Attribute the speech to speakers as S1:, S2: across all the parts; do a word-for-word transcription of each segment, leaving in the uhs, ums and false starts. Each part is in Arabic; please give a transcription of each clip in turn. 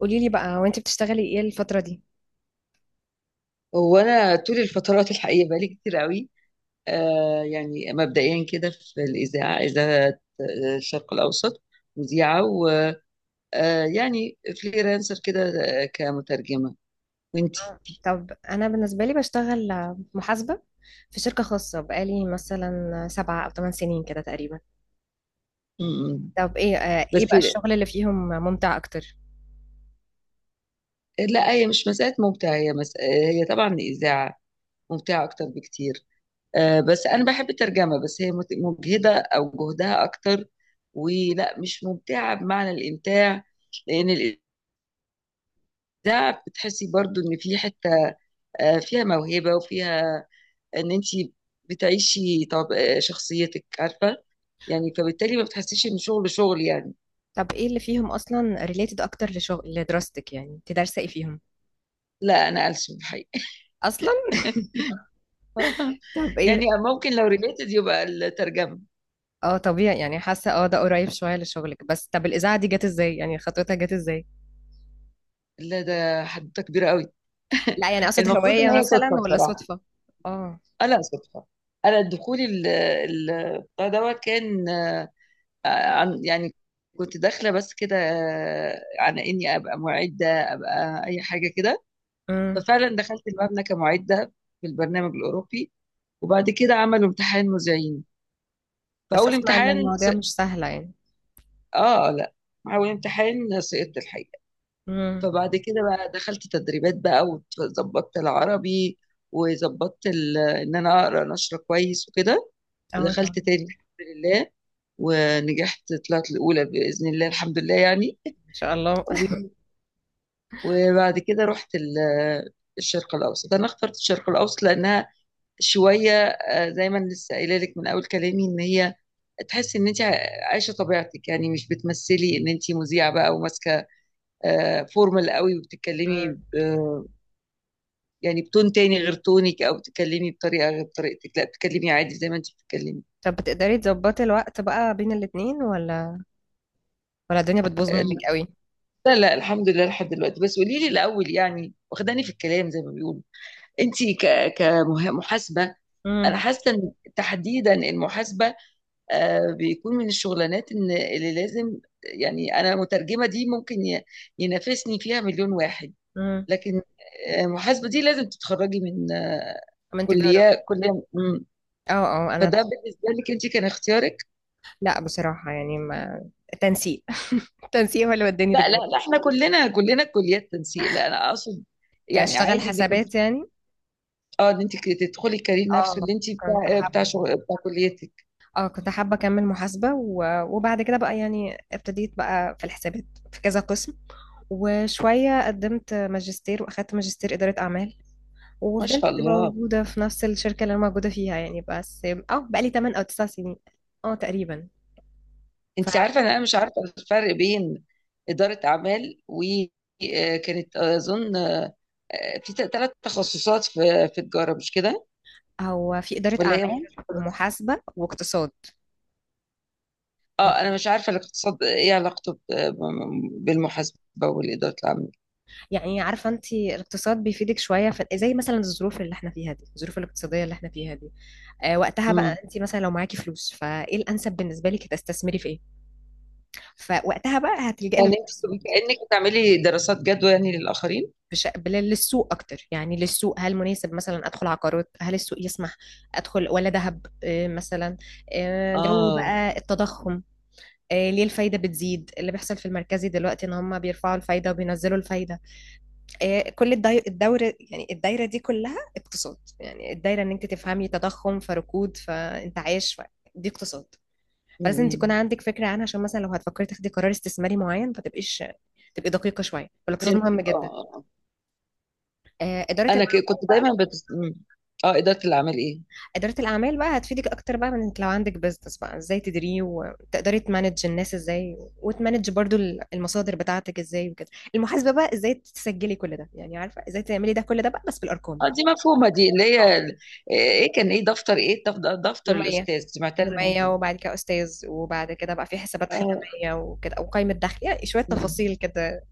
S1: قولي لي بقى وانت بتشتغلي ايه الفترة دي؟
S2: وانا طول الفترات الحقيقه بقالي كتير قوي. آه يعني مبدئيا كده في الاذاعه، اذاعه آه، الشرق الاوسط، مذيعه، ويعني فريلانسر كده، آه، كمترجمه. وانتي؟
S1: آه. طب انا بالنسبة لي بشتغل محاسبة في شركة خاصة بقالي مثلا سبعة او ثمان سنين كده تقريبا.
S2: مم.
S1: طب ايه آه،
S2: بس
S1: ايه بقى الشغل اللي فيهم ممتع اكتر؟
S2: لا، هي مش مساله ممتعه، هي مس... هي طبعا الاذاعه ممتعه اكتر بكتير. آه بس انا بحب الترجمه، بس هي مت- مجهده او جهدها اكتر، ولا مش ممتعه بمعنى الامتاع، لان الاذاعه بتحسي برضو ان في حته آه، فيها موهبة، وفيها ان انت بتعيشي طب آه، شخصيتك، عارفة، يعني فبالتالي ما بتحسيش ان شغل شغل يعني.
S1: طب ايه اللي فيهم اصلا ريليتد اكتر لشغل لدراستك؟ يعني انت دارسة ايه فيهم
S2: لا، انا ألسن الحقيقة.
S1: اصلا؟ طب
S2: يعني
S1: ايه؟
S2: ممكن لو ريليتد يبقى الترجمة.
S1: اه، طبيعي، يعني حاسة اه ده قريب شوية لشغلك. بس طب الاذاعة دي جت ازاي؟ يعني خطوتها جت ازاي؟
S2: لا ده حدوتة كبيرة قوي.
S1: لا يعني اقصد
S2: المفروض ان
S1: هواية
S2: هي
S1: مثلا
S2: صدفة
S1: ولا
S2: بصراحة.
S1: صدفة؟ اه.
S2: آه، لا، صدفة. انا دخولي ال- ال- بتاع دوت كان آه، عن يعني، كنت داخلة بس كده آه، على اني ابقى معدة، ابقى اي حاجة كده.
S1: امم.
S2: ففعلا دخلت المبنى كمعدة في البرنامج الأوروبي، وبعد كده عملوا امتحان مذيعين.
S1: بس
S2: فأول
S1: اسمع ان
S2: امتحان س...
S1: المواضيع مش سهلة يعني.
S2: آه لا، أول امتحان سقطت الحقيقة.
S1: مم.
S2: فبعد كده بقى دخلت تدريبات بقى، وظبطت العربي، وظبطت ال... إن أنا أقرأ نشرة كويس وكده.
S1: اه
S2: ودخلت
S1: طبعا.
S2: تاني الحمد لله، ونجحت، طلعت الأولى بإذن الله، الحمد لله يعني.
S1: ان شاء الله
S2: و- وبعد كده رحت ال- الشرق الأوسط. أنا اخترت الشرق الأوسط لأنها شويه، آه، زي ما أنا لسه قايله لك من اول كلامي، ان هي تحس ان انت عايشه طبيعتك، يعني مش بتمثلي ان انت مذيعه بقى وماسكه آه، فورمال قوي،
S1: مم.
S2: وبتتكلمي ب- آه، يعني بتون تاني غير تونك، او بتتكلمي بطريقه غير طريقتك، لا بتتكلمي عادي زي ما انت بتتكلمي.
S1: طب بتقدري تظبطي الوقت بقى بين الاتنين؟ ولا ولا الدنيا بتبوظ منك
S2: آه،
S1: قوي؟
S2: لا لا، الحمد لله لحد دلوقتي. بس قولي لي الاول يعني، واخداني في الكلام زي ما بيقولوا. انت ك- كمحاسبه، انا
S1: امم.
S2: حاسه ان تحديدا المحاسبه آه، بيكون من الشغلانات إن- اللي لازم، يعني انا مترجمه دي ممكن ي- ينافسني فيها مليون واحد،
S1: امم.
S2: لكن آه، محاسبه دي لازم تتخرجي من آه،
S1: من تجارة؟
S2: كليه، كليه مم.
S1: اه اه انا.
S2: فده بالنسبه لك انت كان اختيارك.
S1: لا بصراحة، يعني ما. تنسيق التنسيق هو اللي وداني
S2: لا لا
S1: تجارة.
S2: لا، احنا كلنا كلنا كليات تنسيق، لا انا اقصد
S1: يعني
S2: يعني
S1: اشتغل
S2: عادي انك كنت،
S1: حسابات يعني.
S2: اه، ان انت تدخلي الكارير نفسه
S1: اه.
S2: اللي انت
S1: كنت
S2: بتاع آه، بتاع
S1: حابة.
S2: شغل بتاع كليتك.
S1: اه كنت حابة اكمل محاسبة و... وبعد كده بقى يعني ابتديت بقى في الحسابات في كذا قسم. وشوية قدمت ماجستير واخدت ماجستير إدارة أعمال.
S2: ما شاء
S1: وفضلت
S2: الله.
S1: موجودة في نفس الشركة اللي أنا موجودة فيها يعني، بس اه بقالي تمانية أو تسع سنين، اه تقريبا.
S2: انت عارفه ان انا مش عارفه الفرق بين اداره اعمال، وكانت اظن آه، آه، في ثلاث تخصصات، في في تجاره، مش كده؟
S1: فهو في إدارة
S2: ولا هي
S1: أعمال
S2: محاسبه بس؟
S1: ومحاسبة واقتصاد.
S2: اه، انا مش عارفه الاقتصاد ايه علاقته ب- بالمحاسبه والاداره العامه.
S1: يعني عارفة أنت الاقتصاد بيفيدك شوية، في زي مثلا الظروف اللي احنا فيها دي، الظروف الاقتصادية اللي احنا فيها دي. آه وقتها
S2: امم.
S1: بقى أنت مثلا لو معاكي فلوس، فإيه الأنسب بالنسبة لك؟ تستثمري في إيه؟ فوقتها بقى هتلجأي
S2: يعني انت
S1: للاقتصاد.
S2: بتبقي كانك بتعملي دراسات جدوى يعني للاخرين.
S1: بش... بل- للسوق اكتر، يعني للسوق هل مناسب مثلا ادخل عقارات؟ هل السوق يسمح ادخل ولا ذهب آه، مثلا؟ آه، جو
S2: اه.
S1: بقى التضخم. آه، ليه الفايده بتزيد؟ اللي بيحصل في المركزي دلوقتي ان هم بيرفعوا الفايده وبينزلوا الفايده. آه، كل الدي- الدوره، يعني الدايره دي كلها اقتصاد. يعني الدايره ان انت تفهمي تضخم فركود فانتعاش ف... دي اقتصاد. فلازم تكون
S2: امم.
S1: عندك فكره عنها عشان مثلا لو هتفكري تاخدي قرار استثماري معين، ما تبقيش تبقي دقيقه شويه. فالاقتصاد مهم
S2: فهمتك. اه
S1: جدا.
S2: آه، آه.
S1: آه، اداره
S2: انا ك- كنت دايما بت... مم. اه، اداره الاعمال ايه؟
S1: إدارة الأعمال بقى هتفيدك أكتر، بقى من إنك لو عندك بيزنس بقى إزاي تديريه، وتقدري تمانج الناس إزاي، وتمانج برضو المصادر بتاعتك إزاي وكده. المحاسبة بقى إزاي تسجلي كل ده، يعني عارفة إزاي تعملي ده كل ده بقى، بس بالأرقام.
S2: اه دي مفهومة، دي اللي
S1: اه.
S2: هي ال- آه، ايه كان ايه دفتر، ايه دف- دفتر
S1: يومية.
S2: الأستاذ دي، معتزة
S1: يومية
S2: دي.
S1: وبعد كده أستاذ، وبعد كده بقى في حسابات
S2: اه.
S1: ختامية وكده وقائمة دخل، يعني شوية
S2: مم.
S1: تفاصيل كده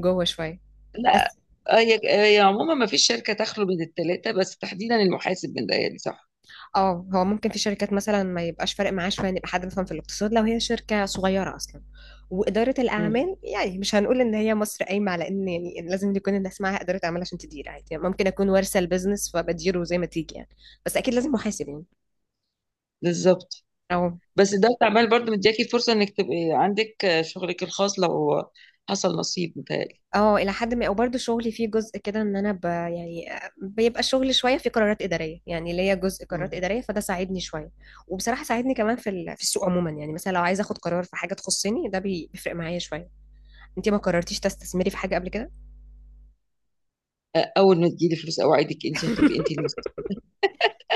S1: جوه شوية.
S2: لا،
S1: بس
S2: آه، هي، هي عموما ما فيش شركة تخلو من التلاتة، بس تحديدا المحاسب من ده، يعني صح.
S1: اه هو ممكن في شركات مثلا ما يبقاش فارق معاه شويه ان يبقى حد بيفهم في الاقتصاد، لو هي شركه صغيره اصلا. واداره
S2: مم.
S1: الاعمال يعني مش هنقول ان هي مصر قايمه على ان، يعني لازم يكون الناس معاها اداره اعمال عشان تدير عادي، يعني ممكن اكون وارثه البيزنس فبديره زي ما تيجي يعني. بس اكيد لازم محاسب يعني.
S2: بالظبط.
S1: اه
S2: بس ده عمال برضه مدياكي فرصة انك تبقي عندك آه، شغلك الخاص لو حصل نصيب، متهيألي.
S1: اه الى حد ما. وبرده شغلي فيه جزء كده ان انا ب يعني آه، بيبقى الشغل شويه في قرارات اداريه، يعني ليا جزء
S2: مم.
S1: قرارات اداريه، فده ساعدني شويه. وبصراحه ساعدني كمان في ال- في السوق عموما. يعني مثلا لو عايزه اخد قرار في حاجه تخصني، ده بي- بيفرق معايا شويه. انت ما قررتيش تستثمري في حاجه قبل كده؟
S2: آه، اول ما تجيلي فلوس اوعدك انت هتبقي انت المسؤولة.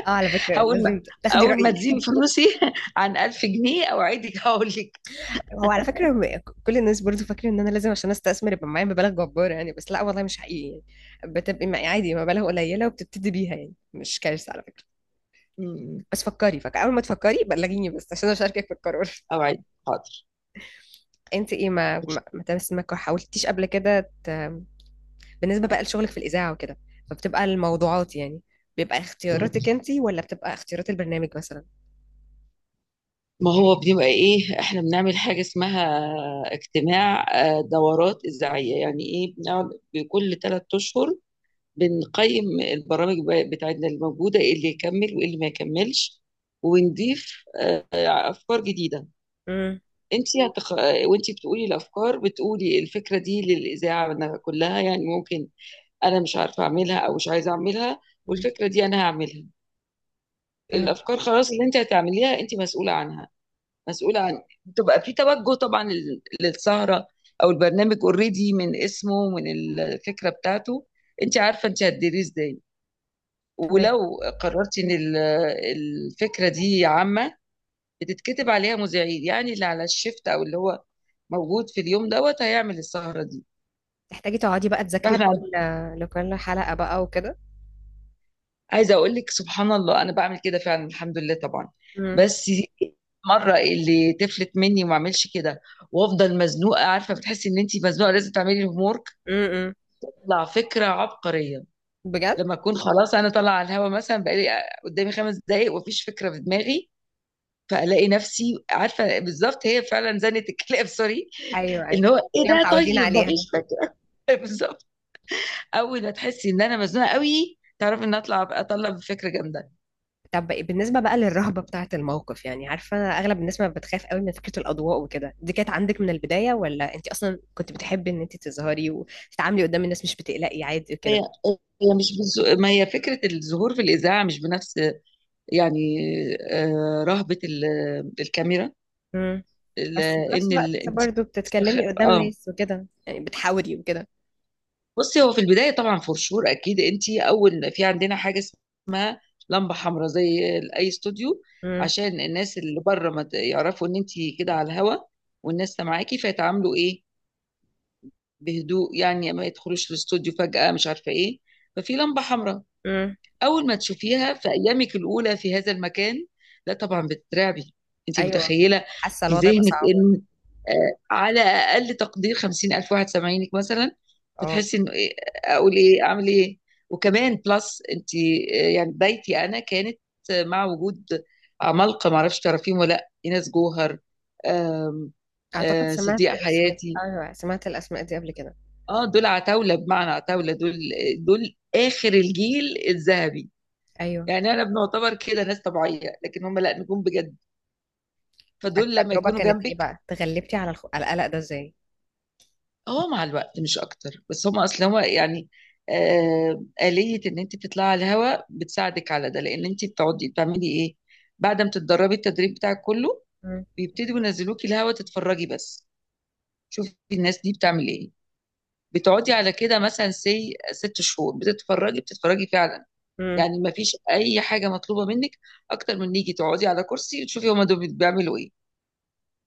S1: اه على فكره
S2: اول ما
S1: لازم تاخدي
S2: اول ما
S1: رايي.
S2: تزيد فلوسي عن ألف جنيه اوعدك هقول لك.
S1: هو على فكره م- كل الناس برضو فاكره ان انا لازم عشان استثمر يبقى معايا مبالغ جباره يعني. بس لا والله مش حقيقي، يعني بتبقي معايا عادي مبالغ قليله وبتبتدي بيها، يعني مش كارثه على فكره.
S2: مم.
S1: بس فكري، فك اول ما تفكري بلغيني بس عشان اشاركك في القرار.
S2: اوعدك حاضر.
S1: انت ايه ما ما ما تمس- ما حاولتيش قبل كده ت... بالنسبه بقى لشغلك في الاذاعه وكده، فبتبقى الموضوعات يعني بيبقى
S2: مم.
S1: اختياراتك انت، ولا بتبقى اختيارات البرنامج مثلا؟
S2: ما هو بنبقى ايه، احنا بنعمل حاجة اسمها اجتماع، آه، دورات إذاعية، يعني ايه، بنقعد بكل ثلاث أشهر بنقيم البرامج ب- بتاعتنا الموجودة، ايه اللي يكمل وايه اللي ما يكملش، ونضيف آه، أفكار جديدة.
S1: امم.
S2: انت هتخ... آه، وانت بتقولي الأفكار، بتقولي الفكرة دي للإذاعة أنا كلها، يعني ممكن أنا مش عارفة أعملها أو مش عايزة أعملها، والفكرة دي أنا هعملها، الأفكار خلاص اللي انت هتعمليها انت مسؤولة عنها. مسؤولة عن، بتبقى في توجه طبعا لل- للسهرة او البرنامج اوريدي من اسمه ومن الفكرة بتاعته. انت عارفة انت هتديريه ازاي.
S1: فهمت.
S2: ولو قررتي ان ال- الفكرة دي عامة بتتكتب عليها مذيعين، يعني اللي على الشفت او اللي هو موجود في اليوم دوت هيعمل السهرة دي.
S1: تحتاجي تقعدي بقى تذاكري
S2: فاحنا عن-
S1: لكل لكل حلقة بقى وكده؟
S2: عايزة اقول لك سبحان الله انا بعمل كده فعلا، الحمد لله طبعا.
S1: امم.
S2: بس مرة اللي تفلت مني وما اعملش كده، وافضل مزنوقه، عارفه، بتحسي ان انت مزنوقه لازم تعملي الهوم،
S1: امم.
S2: تطلع فكرة عبقرية.
S1: بجد.
S2: لما أكون خلاص أنا طالعة على الهوا، مثلا بقالي قدامي خمس دقايق ومفيش فكرة في دماغي، فألاقي نفسي عارفة بالظبط هي فعلا زنة الكلاب، سوري،
S1: ايوه ايوه.
S2: اللي هو إيه
S1: احنا
S2: ده،
S1: متعودين
S2: طيب
S1: عليها.
S2: مفيش فكرة. بالظبط. أول ما تحسي إن أنا مزنوقة قوي تعرفي إن أطلع أطلع بفكرة جامدة.
S1: طب بالنسبة بقى للرهبة بتاعة الموقف، يعني عارفة أغلب الناس ما بتخاف قوي من فكرة الأضواء وكده، دي كانت عندك من البداية؟ ولا أنت أصلا كنت بتحبي إن أنت تظهري وتتعاملي قدام الناس، مش بتقلقي عادي
S2: هي
S1: وكده؟
S2: هي مش بالز... ما هي فكرة الظهور في الإذاعة مش بنفس يعني آه، رهبة ال- الكاميرا،
S1: امم.
S2: ال-
S1: بس في نفس
S2: إن ال...
S1: الوقت
S2: أنت
S1: برضه
S2: بتستخ...
S1: بتتكلمي قدام
S2: آه
S1: ناس وكده، يعني بتحاولي وكده.
S2: بصي، هو في البداية طبعا فور، أكيد أنت أول، في عندنا حاجة اسمها لمبة حمراء زي أي استوديو،
S1: امم.
S2: عشان الناس اللي بره ما ت- يعرفوا إن أنت كده على الهوا والناس سامعاكي فيتعاملوا إيه بهدوء، يعني ما يدخلوش الاستوديو فجأة مش عارفة إيه. ففي لمبة حمراء،
S1: امم.
S2: اول ما تشوفيها في ايامك الاولى في هذا المكان لا طبعا بتترعبي، انت
S1: أيوه.
S2: متخيله،
S1: حاسة
S2: في
S1: الوضع يبقى
S2: ذهنك
S1: صعب.
S2: ان آه، على اقل تقدير خمسين ألف واحد سامعينك مثلا.
S1: آه.
S2: فتحسي انه ايه، اقول ايه اعمل ايه. وكمان بلس انت آه، يعني بدايتي انا كانت آه، مع وجود عمالقه، ما اعرفش تعرفيهم ولا لا، ايناس جوهر، آم،
S1: أعتقد
S2: آه،
S1: سمعت
S2: صديقه
S1: اسم.
S2: حياتي.
S1: أيوة سمعت الأسماء دي قبل كده.
S2: اه دول عتاوله، بمعنى عتاوله، دول دول اخر الجيل الذهبي
S1: أيوه.
S2: يعني، انا بنعتبر كده ناس طبيعيه لكن هم لا، نجوم بجد، فدول لما
S1: التجربة
S2: يكونوا
S1: كانت إيه
S2: جنبك.
S1: بقى؟ تغلبتي على الخ... على القلق ده إزاي؟
S2: اه مع الوقت مش اكتر، بس هم اصلا هو يعني آه آلية ان انت تطلعي على الهواء بتساعدك على ده، لان انت بتقعدي بتعملي ايه بعد ما تتدربي التدريب بتاعك كله،
S1: مم.
S2: بيبتدوا ينزلوكي الهواء تتفرجي بس، شوفي الناس دي بتعمل ايه، بتقعدي على كده مثلا سي ست شهور بتتفرجي بتتفرجي فعلا.
S1: مم.
S2: يعني ما فيش اي حاجه مطلوبه منك اكتر من نيجي تقعدي على كرسي وتشوفي هما دول بيعملوا ايه.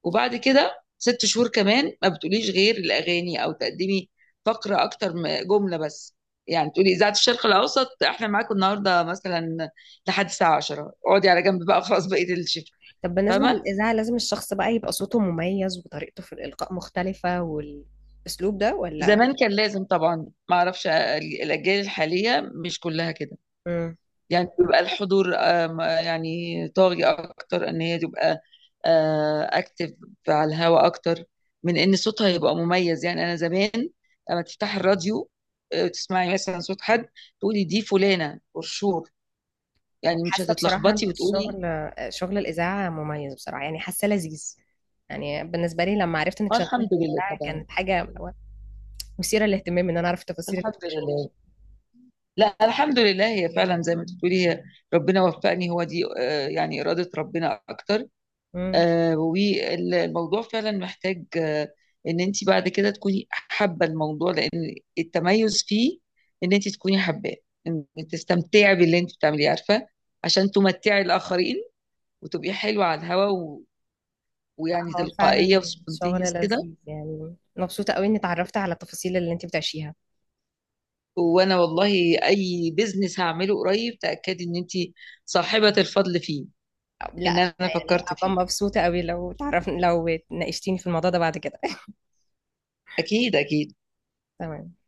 S2: وبعد كده ست شهور كمان ما بتقوليش غير الاغاني او تقدمي فقره اكتر من جمله بس، يعني تقولي اذاعه الشرق الاوسط احنا معاكم النهارده مثلا لحد الساعه العاشرة، اقعدي على جنب بقى خلاص بقيه الشفت.
S1: طب بالنسبة
S2: فاهمه.
S1: للإذاعة، لازم الشخص بقى يبقى صوته مميز، وطريقته في الإلقاء مختلفة والأسلوب ده ولا؟
S2: زمان كان لازم طبعا، ما اعرفش الاجيال الحاليه مش كلها كده،
S1: مم.
S2: يعني بيبقى الحضور آم، يعني طاغي اكتر، ان هي تبقى اكتف على الهواء اكتر من ان صوتها يبقى مميز، يعني انا زمان لما تفتح الراديو آه، تسمعي مثلا صوت حد تقولي دي فلانة برشور، يعني مش
S1: حاسة بصراحة
S2: هتتلخبطي
S1: إن
S2: وتقولي.
S1: الشغل شغل الإذاعة مميز بصراحة، يعني حاسة لذيذ. يعني بالنسبة لي لما عرفت إنك
S2: آه،
S1: شغالة
S2: الحمد
S1: في
S2: لله
S1: الإذاعة،
S2: طبعا.
S1: كانت حاجة اللي هو مثيرة للاهتمام، إن أنا أعرف التفاصيل اللي
S2: الحمد
S1: بتعيشوها.
S2: لله. لا، الحمد لله هي فعلا زي ما بتقولي، هي ربنا وفقني، هو دي آه، يعني إرادة ربنا أكتر. آه، والموضوع فعلا محتاج آه، ان انت بعد كده تكوني حابه الموضوع، لان التميز فيه ان انت تكوني حباه، ان تستمتعي باللي انت بتعمليه، عارفه، عشان تمتعي الاخرين وتبقي حلوه على الهوا و... ويعني
S1: هو
S2: تلقائيه
S1: فعلا شغل
S2: وسبونتينيوس كده.
S1: لذيذ، يعني مبسوطة قوي اني اتعرفت على التفاصيل اللي انت بتعيشيها.
S2: وانا والله اي بزنس هعمله قريب تاكدي ان انت صاحبه الفضل فيه،
S1: أو- لا،
S2: ان انا
S1: يعني
S2: فكرت
S1: هبقى
S2: فيه.
S1: مبسوطة قوي، لو تعرف لو ناقشتيني في الموضوع ده بعد كده
S2: اكيد اكيد.
S1: تمام.